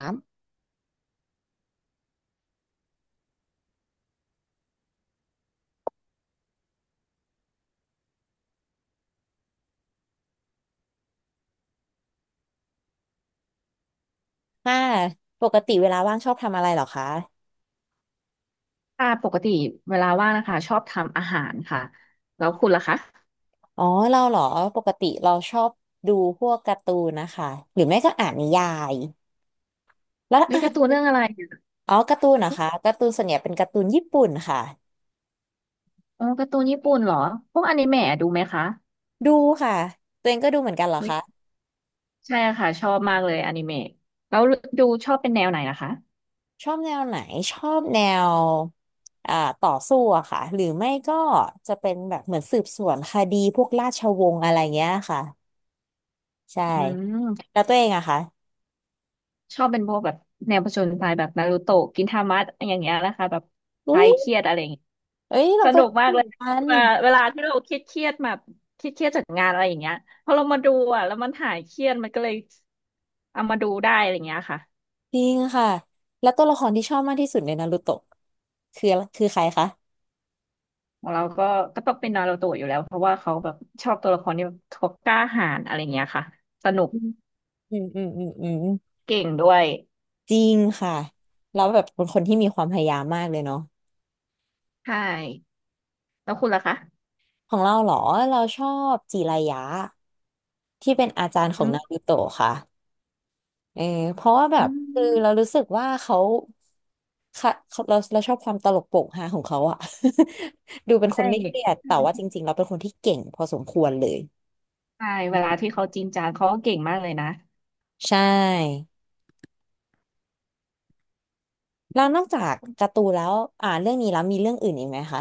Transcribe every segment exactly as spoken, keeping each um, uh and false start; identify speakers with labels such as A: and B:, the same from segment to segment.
A: ามค่ะปกติเวลาว่างชอบทำอะไรเหรอคะ
B: ค่ะปกติเวลาว่างนะคะชอบทำอาหารค่ะแล้วคุณล่ะคะ
A: อ๋อเราเหรอปกติเราชอบดูพวกการ์ตูนนะคะหรือไม่ก็อ่านนิยายแล้ว
B: มีการ์ตูน
A: อ่ะ
B: เรื่องอะไร
A: อ๋อการ์ตูนนะคะการ์ตูนส่วนใหญ่เป็นการ์ตูนญี่ปุ่นค่ะ
B: อ๋อการ์ตูนญี่ปุ่นเหรอพวกอนิเมะดูไหมคะ
A: ดูค่ะตัวเองก็ดูเหมือนกันเหรอ
B: อุ๊ย
A: คะ
B: ใช่ค่ะชอบมากเลยอนิเมะแล้วดูชอบเป็นแนวไหนนะคะ
A: ชอบแนวไหนชอบแนวอ่าต่อสู้อะค่ะหรือไม่ก็จะเป็นแบบเหมือนสืบสวนคดีพวกราชวงศ์อะไรเงี้ยค่ะใช่
B: อืม
A: แล้วตัวเองอะคะ
B: ชอบเป็นพวกแบบแนวผจญภัยแบบนารูโตะกินทามะอย่างเงี้ยนะคะแบบค
A: อุ้
B: ลา
A: ย
B: ยเครียดอะไรอย่างเงี้ย
A: เอ้ยเรา
B: ส
A: ก็
B: นุกมา
A: ดู
B: กเล
A: เห
B: ย
A: มือนกัน
B: เวลาเวลาที่เราเครียดเครียดแบบเครียดเครียดจากงานอะไรอย่างเงี้ยพอเรามาดูอ่ะแล้วมันหายเครียดมันก็เลยเอามาดูได้อะไรอย่างเงี้ยค่ะ
A: จริงค่ะแล้วตัวละครที่ชอบมากที่สุดในนารูโตะคือคือใครคะ
B: ของเราก็ก็ต้องเป็นนารูโตะอยู่แล้วเพราะว่าเขาแบบชอบตัวละครที่แบบเขากล้าหาญอะไรเงี้ยค่ะสนุก
A: อืมอืมอืมอืมอืม
B: เก่งด้วย
A: จริงค่ะแล้วแบบเป็นคนที่มีความพยายามมากเลยเนาะ
B: ใช่แล้วคุณล่ะคะ
A: ของเราเหรอเราชอบจิรายะที่เป็นอาจารย์ขอ
B: อื
A: งนารู
B: ม
A: โตะค่ะเออเพราะว่าแบ
B: อื
A: บคือเรา
B: ม
A: รู้สึกว่าเขาค่ะเขาเราเราชอบความตลกโปกฮาของเขาอะ ดูเป็นค
B: ใช่
A: นไม่เครียด
B: ใช่
A: แต่ว่าจริงๆเราเป็นคนที่เก่งพอสมควรเลย
B: ใช่เวลาที่เขาจริงจังเขาก็เก่งมากเลยนะ
A: ใช่ แล้วนอกจากการ์ตูนแล้วอ่าเรื่องนี้แล้วมีเรื่องอื่นอีกไหมคะ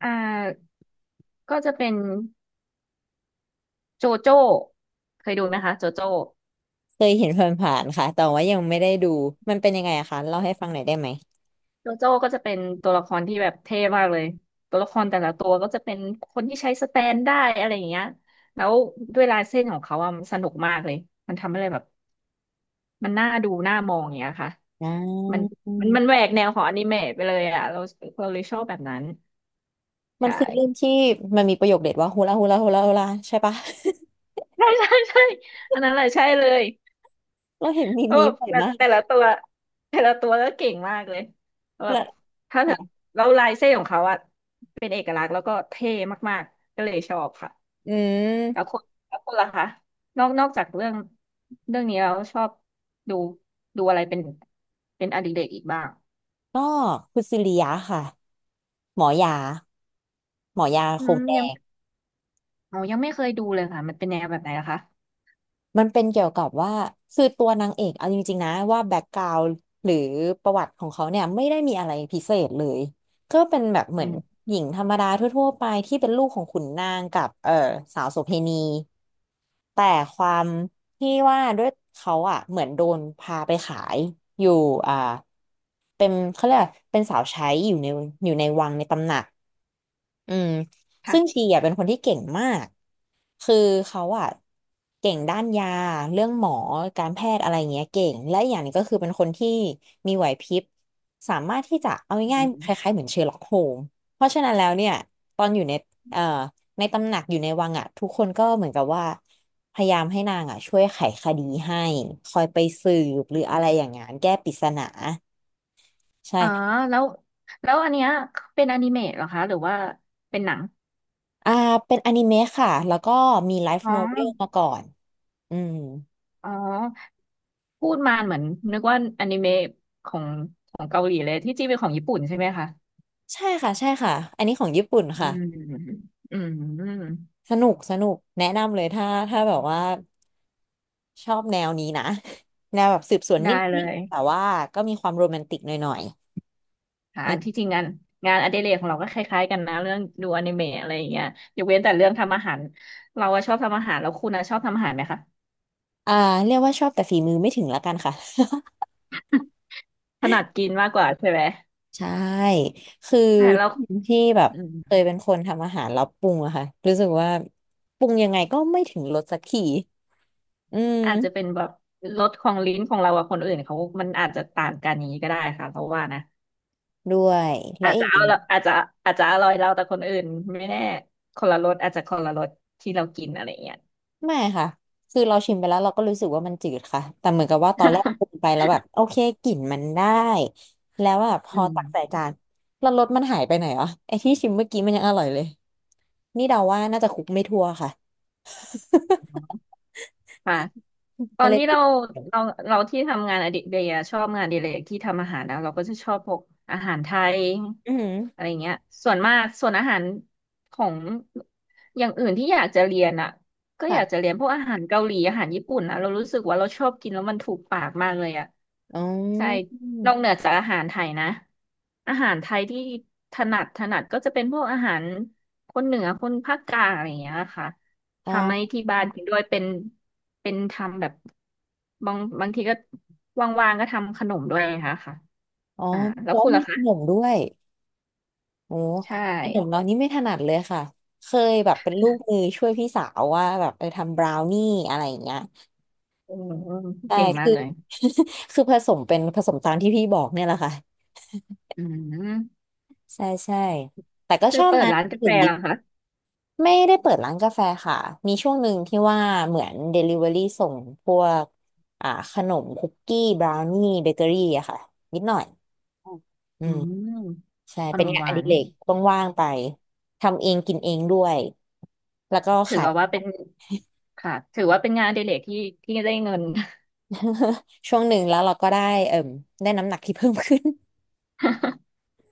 B: อ่าก็จะเป็นโจโจ้เคยดูไหมคะโจโจ้
A: เคยเห็นผ่านๆค่ะแต่ว่ายังไม่ได้ดูมันเป็นยังไงอะคะเล่าให้ฟังหน่อยได้ไหม
B: โจโจ้ก็จะเป็นตัวละครที่แบบเท่มากเลยตัวละครแต่ละตัวก็จะเป็นคนที่ใช้สแตนได้อะไรอย่างเงี้ยแล้วด้วยลายเส้นของเขาอะมันสนุกมากเลยมันทำให้เลยแบบ มันน่าดูน่ามองอย่างเงี้ยค่ะ
A: อ่
B: มัน
A: า
B: มันมันแหวกแนวของอนิเมะไปเลยอ่ะเราเราเลยชอบแบบนั้น
A: มัน
B: ใช่
A: คือเรื่องที่มันมีประโยคเด็ดว่าฮูลาฮูลาฮูลาฮูลาใช่ปะ
B: ใช่ใช่ใช่อันนั้นแหละใช่เลย
A: เราเห็นมีม
B: เออ
A: นี้บ่อย
B: แบบ
A: มาก
B: แต่ละตัวแต่ละตัวก็เก่งมากเลยแบ
A: และ
B: บถ้าเธอ
A: ค่ะ
B: แล้วลายเส้นของเขาอะเป็นเอกลักษณ์แล้วก็เท่มากๆก็เลยชอบค่ะ
A: อื
B: แล้ว
A: ม
B: คนแล้วคนล่ะคะนอกนอกจากเรื่องเรื่องนี้เราชอบดูดูอะไรเป็นเป็นอดิเรกอีกบ้าง
A: ก็คุณซิริยะค่ะ หมอยาหมอยา
B: อื
A: โค
B: ม
A: งแด
B: ยัง
A: ง
B: อ๋อยังไม่เคยดูเลยค่ะมันเป็นแนวแบบไหนล่ะคะ
A: มันเป็นเกี่ยวกับว่าคือตัวนางเอกเอาจริงๆนะว่าแบ็กกราวด์หรือประวัติของเขาเนี่ยไม่ได้มีอะไรพิเศษเลยก็เป็นแบบเหมื
B: อื
A: อน
B: ม
A: หญิงธรรมดาทั่วๆไปที่เป็นลูกของขุนนางกับเออสาวโสเภณีแต่ความที่ว่าด้วยเขาอ่ะเหมือนโดนพาไปขายอยู่อ่าเป็นเขาเรียกว่าเป็นสาวใช้อยู่ในอยู่ในวังในตำหนักอืมซึ่ง
B: ค่ะ
A: ชีอ่ะเป็นคนที่เก่งมาก คือเขาอะเก่งด้านยาเรื่องหมอการแพทย์อะไรเงี้ยเก่งและอีกอย่างหนึงก็คือเป็นคนที่มีไหวพริบสามารถที่จะเอา
B: อื
A: ง่ายๆค
B: ม
A: ล้ายๆเหมือนเชอร์ล็อกโฮมเพราะฉะนั้นแล้วเนี่ยตอนอยู่ในเอ่อในตำหนักอยู่ในวังอะทุกคนก็เหมือนกับว่าพยายามให้นางอะช่วยไขคดีให้คอยไปสืบห
B: อื
A: รืออะ
B: ม
A: ไรอย่างงั้นแก้ปริศนาใช่
B: อ๋อแล้วแล้วอันเนี้ยเป็นอนิเมะเหรอคะหรือว่าเป็นหนัง
A: อ่าเป็นอนิเมะค่ะแล้วก็มีไลฟ์
B: อ๋อ
A: โนเวลมาก่อนอืม
B: อ๋อพูดมาเหมือนนึกว่าอนิเมะของของเกาหลีเลยที่จริงเป็นของญี่ปุ่นใช่ไหมคะ
A: ใช่ค่ะใช่ค่ะอันนี้ของญี่ปุ่น
B: อื
A: ค่ะ
B: มอืม
A: สนุกสนุกแนะนำเลยถ้าถ้าแบบว่าชอบแนวนี้นะ แนวแบบสืบสวนน
B: ได้
A: ิ
B: เล
A: ด
B: ย
A: ๆแต่ว่าก็มีความโรแมนติกหน่อยๆ
B: ค่ะอัน
A: เอ๊ะ
B: ที่จริงงานงานอดิเรกของเราก็คล้ายๆกันนะเรื่องดูอนิเมะอะไรอย่างเงี้ยยกเว้นแต่เรื่องทำอาหารเราอะชอบทำอาหารแล้วคุณอะชอบทำอาหารไหมคะ
A: อ่าเรียกว่าชอบแต่ฝีมือไม่ถึงละกันค่ะ
B: ถนัดกินมากกว่าใช่ไหม
A: ใช่คือ
B: ใช่แล้ว
A: ที่แบบ
B: อืม
A: เคยเป็นคนทำอาหารแล้วปรุงอะค่ะรู้สึกว่าปรุงยังไงก็ไม่ถึงรสสักทีอืม
B: อาจจะเป็นแบบรสของลิ้นของเรากับคนอื่นเขามันอาจจะต่างกันอย่างนี้ก็ได้ค่ะเพราะว่านะ
A: ด้วยและ
B: อาจ
A: อี
B: จะ
A: ก
B: เอาละอาจจะอาจจะอร่อยเราแต่คนอื่นไม่แน่คนละรสอาจจะคนละรสที่เรากินอะไรอย่างเงี้ย
A: ไม่ค่ะคือเราชิมไปแล้วเราก็รู้สึกว่ามันจืดค่ะแต่เหมือนกับว่าตอนแรกกิน ไปแล้วแบบโอเคกลิ่นมันได้แล้วแบบพ
B: อื
A: อตักใส่
B: ม
A: จานแล้วรสมันหายไปไหนอ่ะไอ้ที่ชิมเมื่อกี้มันยังอร่อยเลยนี่เดาว่าน่าจะคลุกไม่ทั่วค่ะ
B: ค่ะตอ
A: ก็
B: น
A: เลย
B: ที่
A: ติ
B: เรา
A: ด
B: เราเราที่ทำงานอดิเรกอะชอบงานอดิเรกที่ทำอาหารนะเราก็จะชอบพวกอาหารไทย
A: อือหือ
B: อะไรเงี้ยส่วนมากส่วนอาหารของอย่างอื่นที่อยากจะเรียนอะก็อยากจะ
A: ค่ะ
B: เรียนพวกอาหารเกาหลีอาหารญี่ปุ่นอะเรารู้สึกว่าเราชอบกินแล้วมันถูกปากมากเลยอะ
A: อ๋
B: ใช่
A: อ
B: นอกเหนือจากอาหารไทยนะอาหารไทยที่ถนัดถนัดก็จะเป็นพวกอาหารคนเหนือคนภาคกลางอะไรเงี้ยค่ะ
A: อ๋อ
B: ทำให้ที่บ้านกินด้วยเป็นเป็นทำแบบบางบางทีก็ว่างๆก็ทำขนมด้วยนะคะค่ะ
A: อ๋อ
B: อ่าแล้ว
A: แล้ว
B: คุณ
A: มี
B: ล่ะ
A: ข
B: คะ
A: นมด้วยโอ้
B: ใช่
A: ขนมเรานี่ไม่ถนัดเลยค่ะเคยแบบเป็นลูกมือช่วยพี่สาวว่าแบบไปทำบราวนี่อะไรอย่างเงี้ย
B: อืม
A: ใช่
B: เก่งมา
A: คื
B: ก
A: อ
B: เลย
A: คือผสมเป็นผสมตามที่พี่บอกเนี่ยแหละค่ะ
B: อืม
A: ใช่ใช่แต่ก็
B: คื
A: ช
B: อ
A: อบ
B: เปิด
A: ร้าน
B: ร้านกาแฟ
A: อื่นดี
B: เหรอคะ
A: ไม่ได้เปิดร้านกาแฟค่ะ มีช่วงหนึ่งที่ว่าเหมือน Delivery ส่งพวกอ่าขนมคุกกี้บราวนี่เบเกอรี่อะค่ะ นิดหน่อย
B: ออ
A: อื
B: อื
A: ม
B: ม
A: ใช่
B: ข
A: เป็
B: น
A: น
B: ม
A: งาน
B: ห
A: อ
B: วา
A: ดิ
B: น
A: เรกว่างๆไป ทำเองกินเองด้วย แล้วก็
B: ถือ
A: ขาย
B: ว่าเป็นค่ะถือว่าเป็นงานอดิเรกที่ที่ได้เงิน
A: ช่วงหนึ่งแล้วเราก็ได้เอิ่มได้น้ำหนักที่เพิ่มขึ้น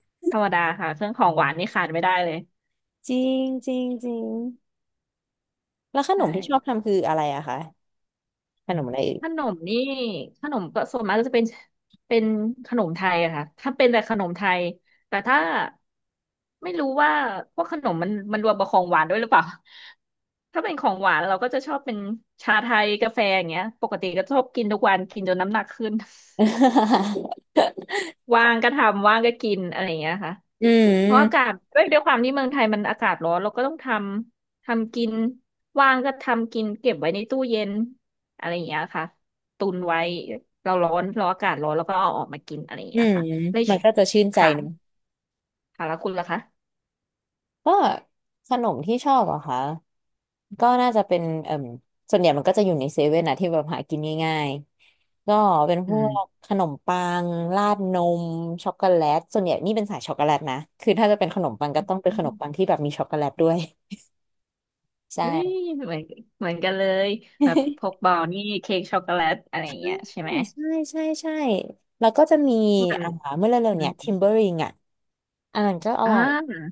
B: ธรรมดาค่ะเครื่องของหวานนี่ขาดไม่ได้เลย
A: จริงจริงจริงแล้วข
B: ใช
A: นมที่ชอบ
B: ่
A: ทำคืออะไรอะคะ ขนมอะไรอีก
B: ขนมนี่ขนมก็ส่วนมากก็จะเป็นเป็นขนมไทยอะค่ะถ้าเป็นแต่ขนมไทยแต่ถ้าไม่รู้ว่าพวกขนมมันมันรวมกับของหวานด้วยหรือเปล่าถ้าเป็นของหวานเราก็จะชอบเป็นชาไทยกาแฟอย่างเงี้ยปกติก็ชอบกินทุกวันกินจนน้ำหนักขึ้น ว่างก็ทำว่างก็กินอะไรอย่างเงี้ยค่ะ
A: อื
B: เพราะอากา
A: ม
B: ศด้วยด้วยความที่เมืองไทยมันอากาศร้อนเราก็ต้องทำทำกินว่างก็ทำกินเก็บไว้ในตู้เย็นอะไรอย่างเงี้ยค่ะตุนไว้เราร้อนเราอากาศร้อนแล้วก็เอาออกมากินอะไรอย่าง
A: อื
B: เงี้ย
A: ม
B: ค่ะเลย
A: มันก็จะชื่นใจ
B: ค่ะ
A: เนอะ
B: ค่ะแล้วคุณล่ะคะ
A: ก็ขนมที่ชอบเหรอะคะก็น่าจะเป็นเอ่มส่วนใหญ่มันก็จะอยู่ในเซเว่นนะที่แบบหากินง่ายๆก็เป็นพ
B: อื
A: ว
B: ม
A: กขนมปังราดนมช็อกโกแลตส่วนใหญ่นี่เป็นสายช็อกโกแลตนะคือถ้าจะเป็นขนมปังก็ต้องเป็นขนมปังที่แบบมีช็อกโกแลตด้วย ใช่
B: เฮ้ยเหมือนเหมือนกันเลยแบบพ กบอลนี่เค้กช็อกโกแลตอะไรอย่างเงี้ยใช่ไหม
A: ใช่ใช่ใช่แล้วก็จะมี
B: มั
A: อ่า
B: น
A: เมื่อเร็
B: อ
A: วๆเนี่ยทิ
B: ม
A: มเบอริงอ่ะอันนั้นก็อ
B: อ่
A: ร่อย
B: า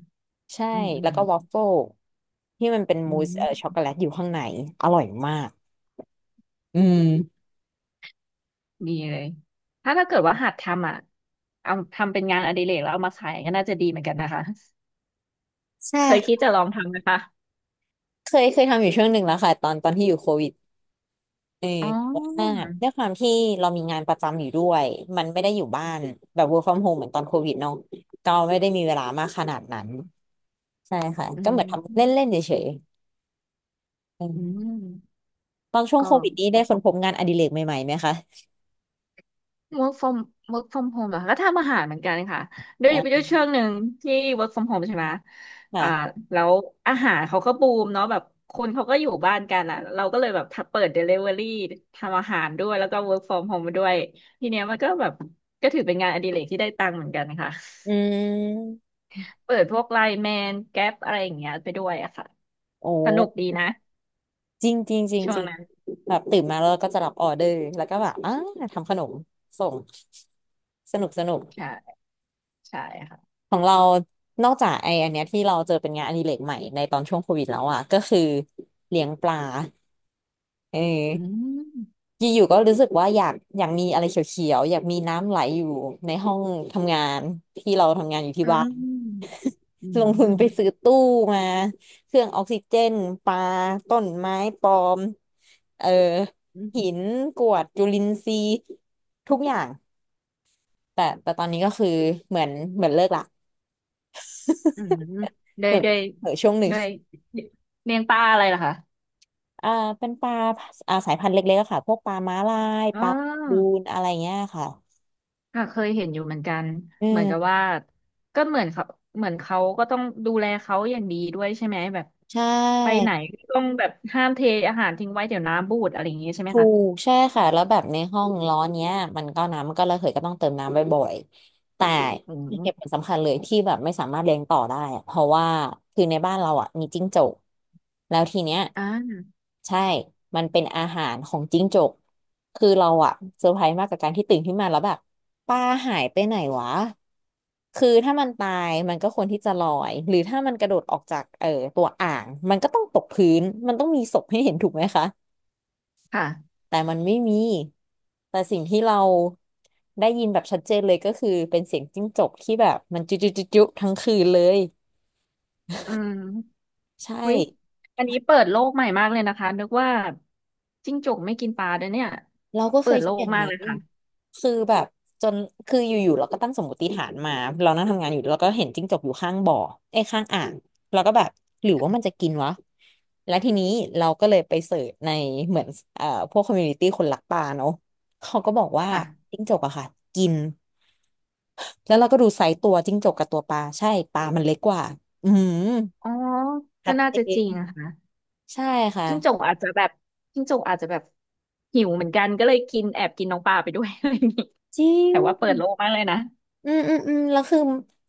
A: ใช่
B: อืมอื
A: แล้
B: ม
A: วก็วอฟเฟิลที่มันเป็น
B: อื
A: มูสเอ่
B: ม
A: อช็อกโกแลตอยู่ข้างในอร่อยมากอืม
B: มีเลย ถ้าถ้าเกิดว่าหัดทำอ่ะ เอาทำเป็นงานอดิเรกแล้วเอามาขายก็น่าจะดีเหมือนกันนะคะ
A: ใช่
B: เคยคิดจะลองทำไหมคะ
A: เคยเคยทำอยู่ช่วงหนึ่งแล้วค่ะตอนตอนที่อยู่โควิดเออ
B: อ๋อ
A: แต่ว่าด้วยความที่เรามีงานประจำอยู่ด้วยมันไม่ได้อยู่บ้านแบบ work from home เหมือนตอนโควิดเนาะก็ไม่ได้มีเวลามากขนาดนั้นใช่ค่ะ
B: อื
A: ก็เหมือนทำ
B: ม
A: เล่นๆเฉยๆอืม
B: อืม
A: ตอนช่วง
B: ก็
A: โควิดนี้ได้ค้นพบงานอดิเรกใหม่ๆไหมคะ
B: work from work from home เหรอคะก็ทำอาหารเหมือนกันค่ะด้วยด้
A: อ่า
B: วยช่วงหนึ่งที่ work from home ใช่ไหมอ่า
A: ค่ะ
B: แล้วอาหารเขาก็บูมเนาะแบบคนเขาก็อยู่บ้านกันอ่ะเราก็เลยแบบเปิด delivery ทำอาหารด้วยแล้วก็ work from home มาด้วยทีเนี้ยมันก็แบบก็ถือเป็นงานอดิเรกที่ได้ตังค์เหมือนกันค่ะ
A: อืม
B: เปิดพวกไลน์แมนแก๊ปอะไรอย่างเงี้ยไปด้วยอะค่ะ
A: โอ้
B: สนุกดีนะ
A: จริงจริงจริง
B: ช่ว
A: จ
B: ง
A: ริง
B: นั้น
A: แบบตื่นมาแล้วก็จะรับออเดอร์แล้วก็แบบอ่าทำขนมส่ง สนุกสนุก
B: ใช่ ใช่ค่ะ
A: ของเรานอกจากไออันเนี้ยที่เราเจอเป็นงานอดิเรกใหม่ในตอนช่วงโควิดแล้วอ่ะก็คือเลี้ยงปลาเออ
B: อืม
A: อยู่ๆก็รู้สึกว่าอยาก อยากมีอะไรเขียวๆ อยากมีน้ำไหลอยู่ในห้องทำงานที่เราทำงานอยู่ที่
B: อื
A: บ้าน
B: ม อื
A: ลงทุน
B: ม
A: ไปซื้อตู้มา เครื่องออกซิเจน ปลาต้นไม้ปลอมเออ
B: อื
A: หิน
B: ม
A: กรวดจุลินทรีย์ทุกอย่างแต่แต่ตอนนี้ก็คือเหมือนเหมือนเลิกละ
B: อืมด้
A: เห
B: วย
A: มือน
B: ด้วย
A: เหมือนช่วงหนึ่ง
B: ด้วยเลี้ยงปลาอะไรล่ะคะ
A: อ่าเป็นปลาอ่าสายพันธุ์เล็กๆอะค่ะพวกปลาม้าลาย
B: อ๋
A: ปลาบู
B: อ
A: นอะไรเงี้ยค่ะ
B: ค่ะเคยเห็นอยู่เหมือนกัน
A: อื
B: เหมือนกับ
A: ม
B: ว่าก็เหมือนเขาเหมือนเขาก็ต้องดูแลเขาอย่างดีด้วยใช่ไหมแบบ
A: ใช
B: ไปไห
A: ่
B: นก็ต้องแบบห้ามเทอาหารทิ้งไว้เดี๋ยวน้ำบูดอะไรอย่างงี้ใช่ไหม
A: ถู
B: คะ
A: กใช่ค่ะแล้วแบบในห้องร้อนเนี้ยมันก็น้ำมันก็ระเหยก็ต้องเติมน้ำบ่อยๆแต่
B: อื
A: เห
B: ม
A: ตุผลสำคัญเลยที่แบบไม่สามารถเลี้ยงต่อได้อะเพราะว่าคือในบ้านเราอ่ะมีจิ้งจกแล้วทีเนี้ย
B: อ่า
A: ใช่มันเป็นอาหารของจิ้งจกคือเราอะเซอร์ไพรส์มากกับการที่ตื่นขึ้นมาแล้วแบบปลาหายไปไหนวะคือถ้ามันตายมันก็ควรที่จะลอยหรือถ้ามันกระโดดออกจากเอ่อตัวอ่างมันก็ต้องตกพื้นมันต้องมีศพให้เห็นถูกไหมคะ
B: ค่ะ
A: แต่มันไม่มี แต่สิ่งที่เราได้ยินแบบชัดเจนเลยก็คือเป็นเสียงจิ้งจกที่แบบมันจุจุจุจุทั้งคืนเลย
B: อืม
A: ใช่
B: วิอยอันนี้เปิดโลกใหม่มากเลยนะคะนึกว่าจิ้งจกไม่กินปลาด้วยเนี่ย
A: เราก็เค
B: เปิ
A: ย
B: ดโล
A: คิดอ
B: ก
A: ย่าง
B: มาก
A: นั้
B: เลย
A: น
B: ค่ะ
A: คือแบบจนคืออยู่ๆเราก็ตั้งสมมติฐานมาเรานั่งทำงานอยู่เราก็เห็นจิ้งจกอยู่ข้างบ่อไอ้ยข้างอ่างเราก็แบบหรือว่ามันจะกินวะแล้วทีนี้เราก็เลยไปเสิร์ชในเหมือนเอ่อพวกคอมมูนิตี้คนรักปลาเนาะเขาก็บอกว่า
B: ค่ะ
A: จิ้งจกอะค่ะกิน แล้วเราก็ดูไซส์ตัวจิ้งจกกับตัวปลาใช่ปลามันเล็กกว่าอืม
B: อ๋อก็
A: ชัด
B: น่า
A: เจ
B: จะจริง
A: น
B: นะคะ
A: ใช่ค่ะ
B: จิ้งจกอาจจะแบบจิ้งจกอาจจะแบบหิวเหมือนกันก็เลยกินแอบกินน้องปลาไปด้วย อะไรอย่างนี้
A: จริ
B: แต่ว่าเปิด
A: ง
B: โลกมากเลยนะ
A: อืมอืมอืมแล้วคือ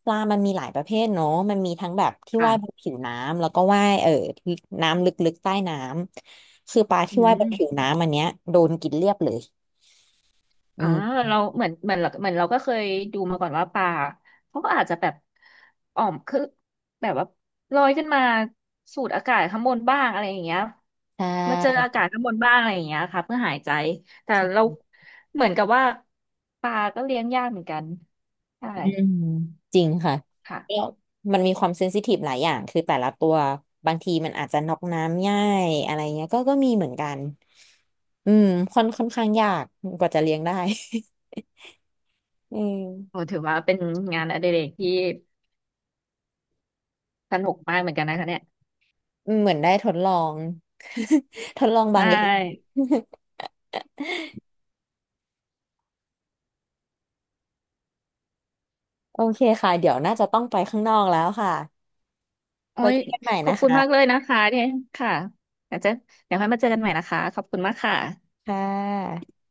A: ปลามันมีหลายประเภทเนาะมันมีทั้งแบบที่
B: ค่ะ
A: ว่ายบนผิวน้ำแล้วก็ว่ายเออที่น้ำลึกๆใต้น้ำคือปลา
B: อื
A: ที่ว่ายบ
B: ม
A: นผิวน้ำอันเนี้ยโดนกินเรียบเลย
B: อ่า
A: อืม
B: เราเหมือนเหมือนเราเหมือนเราก็เคยดูมาก่อนว่าปลาเขาก็อาจจะแบบอ่อมคือแบบว่าลอยขึ้นมาสูดอากาศข้างบนบ้างอะไรอย่างเงี้ย
A: ใช
B: มาเจออา
A: ่
B: กาศข้างบนบ้างอะไรอย่างเงี้ยค่ะเพื่อหายใจแต่
A: ใช
B: เรา
A: ่
B: เหมือนกับว่าปลาก็เลี้ยงยากเหมือนกันใช่
A: อืมจริงค่ะแล้
B: ค่ะ
A: วมันมีความเซนซิทีฟหลายอย่างคือแต่ละตัวบางทีมันอาจจะน็อกน้ำง่ายอะไรเงี้ยก็ก็มีเหมือนกันอืมค่อนค่อนข้างยากกว่าจะเลี้ยงได้ อืม
B: โอ้ถือว่าเป็นงานอดิเรกที่สนุกมากเหมือนกันนะคะเนี่ย
A: เหมือนได้ทดลอง ทดลอง
B: ใช
A: บางอย่าง
B: ่
A: โอเคค่ะเดี๋ยวน่าจะต้องไปข้างนอกแล้วค่ะ
B: โอ้
A: ไว้
B: ย
A: เจอกันใหม่
B: ขอ
A: นะ
B: บคุณ
A: คะ
B: มากเลยนะคะเนี่ยค่ะเดี๋ยวจะเดี๋ยวค่อยมาเจอกันใหม่นะคะขอบคุณมากค่ะ
A: ค่ะ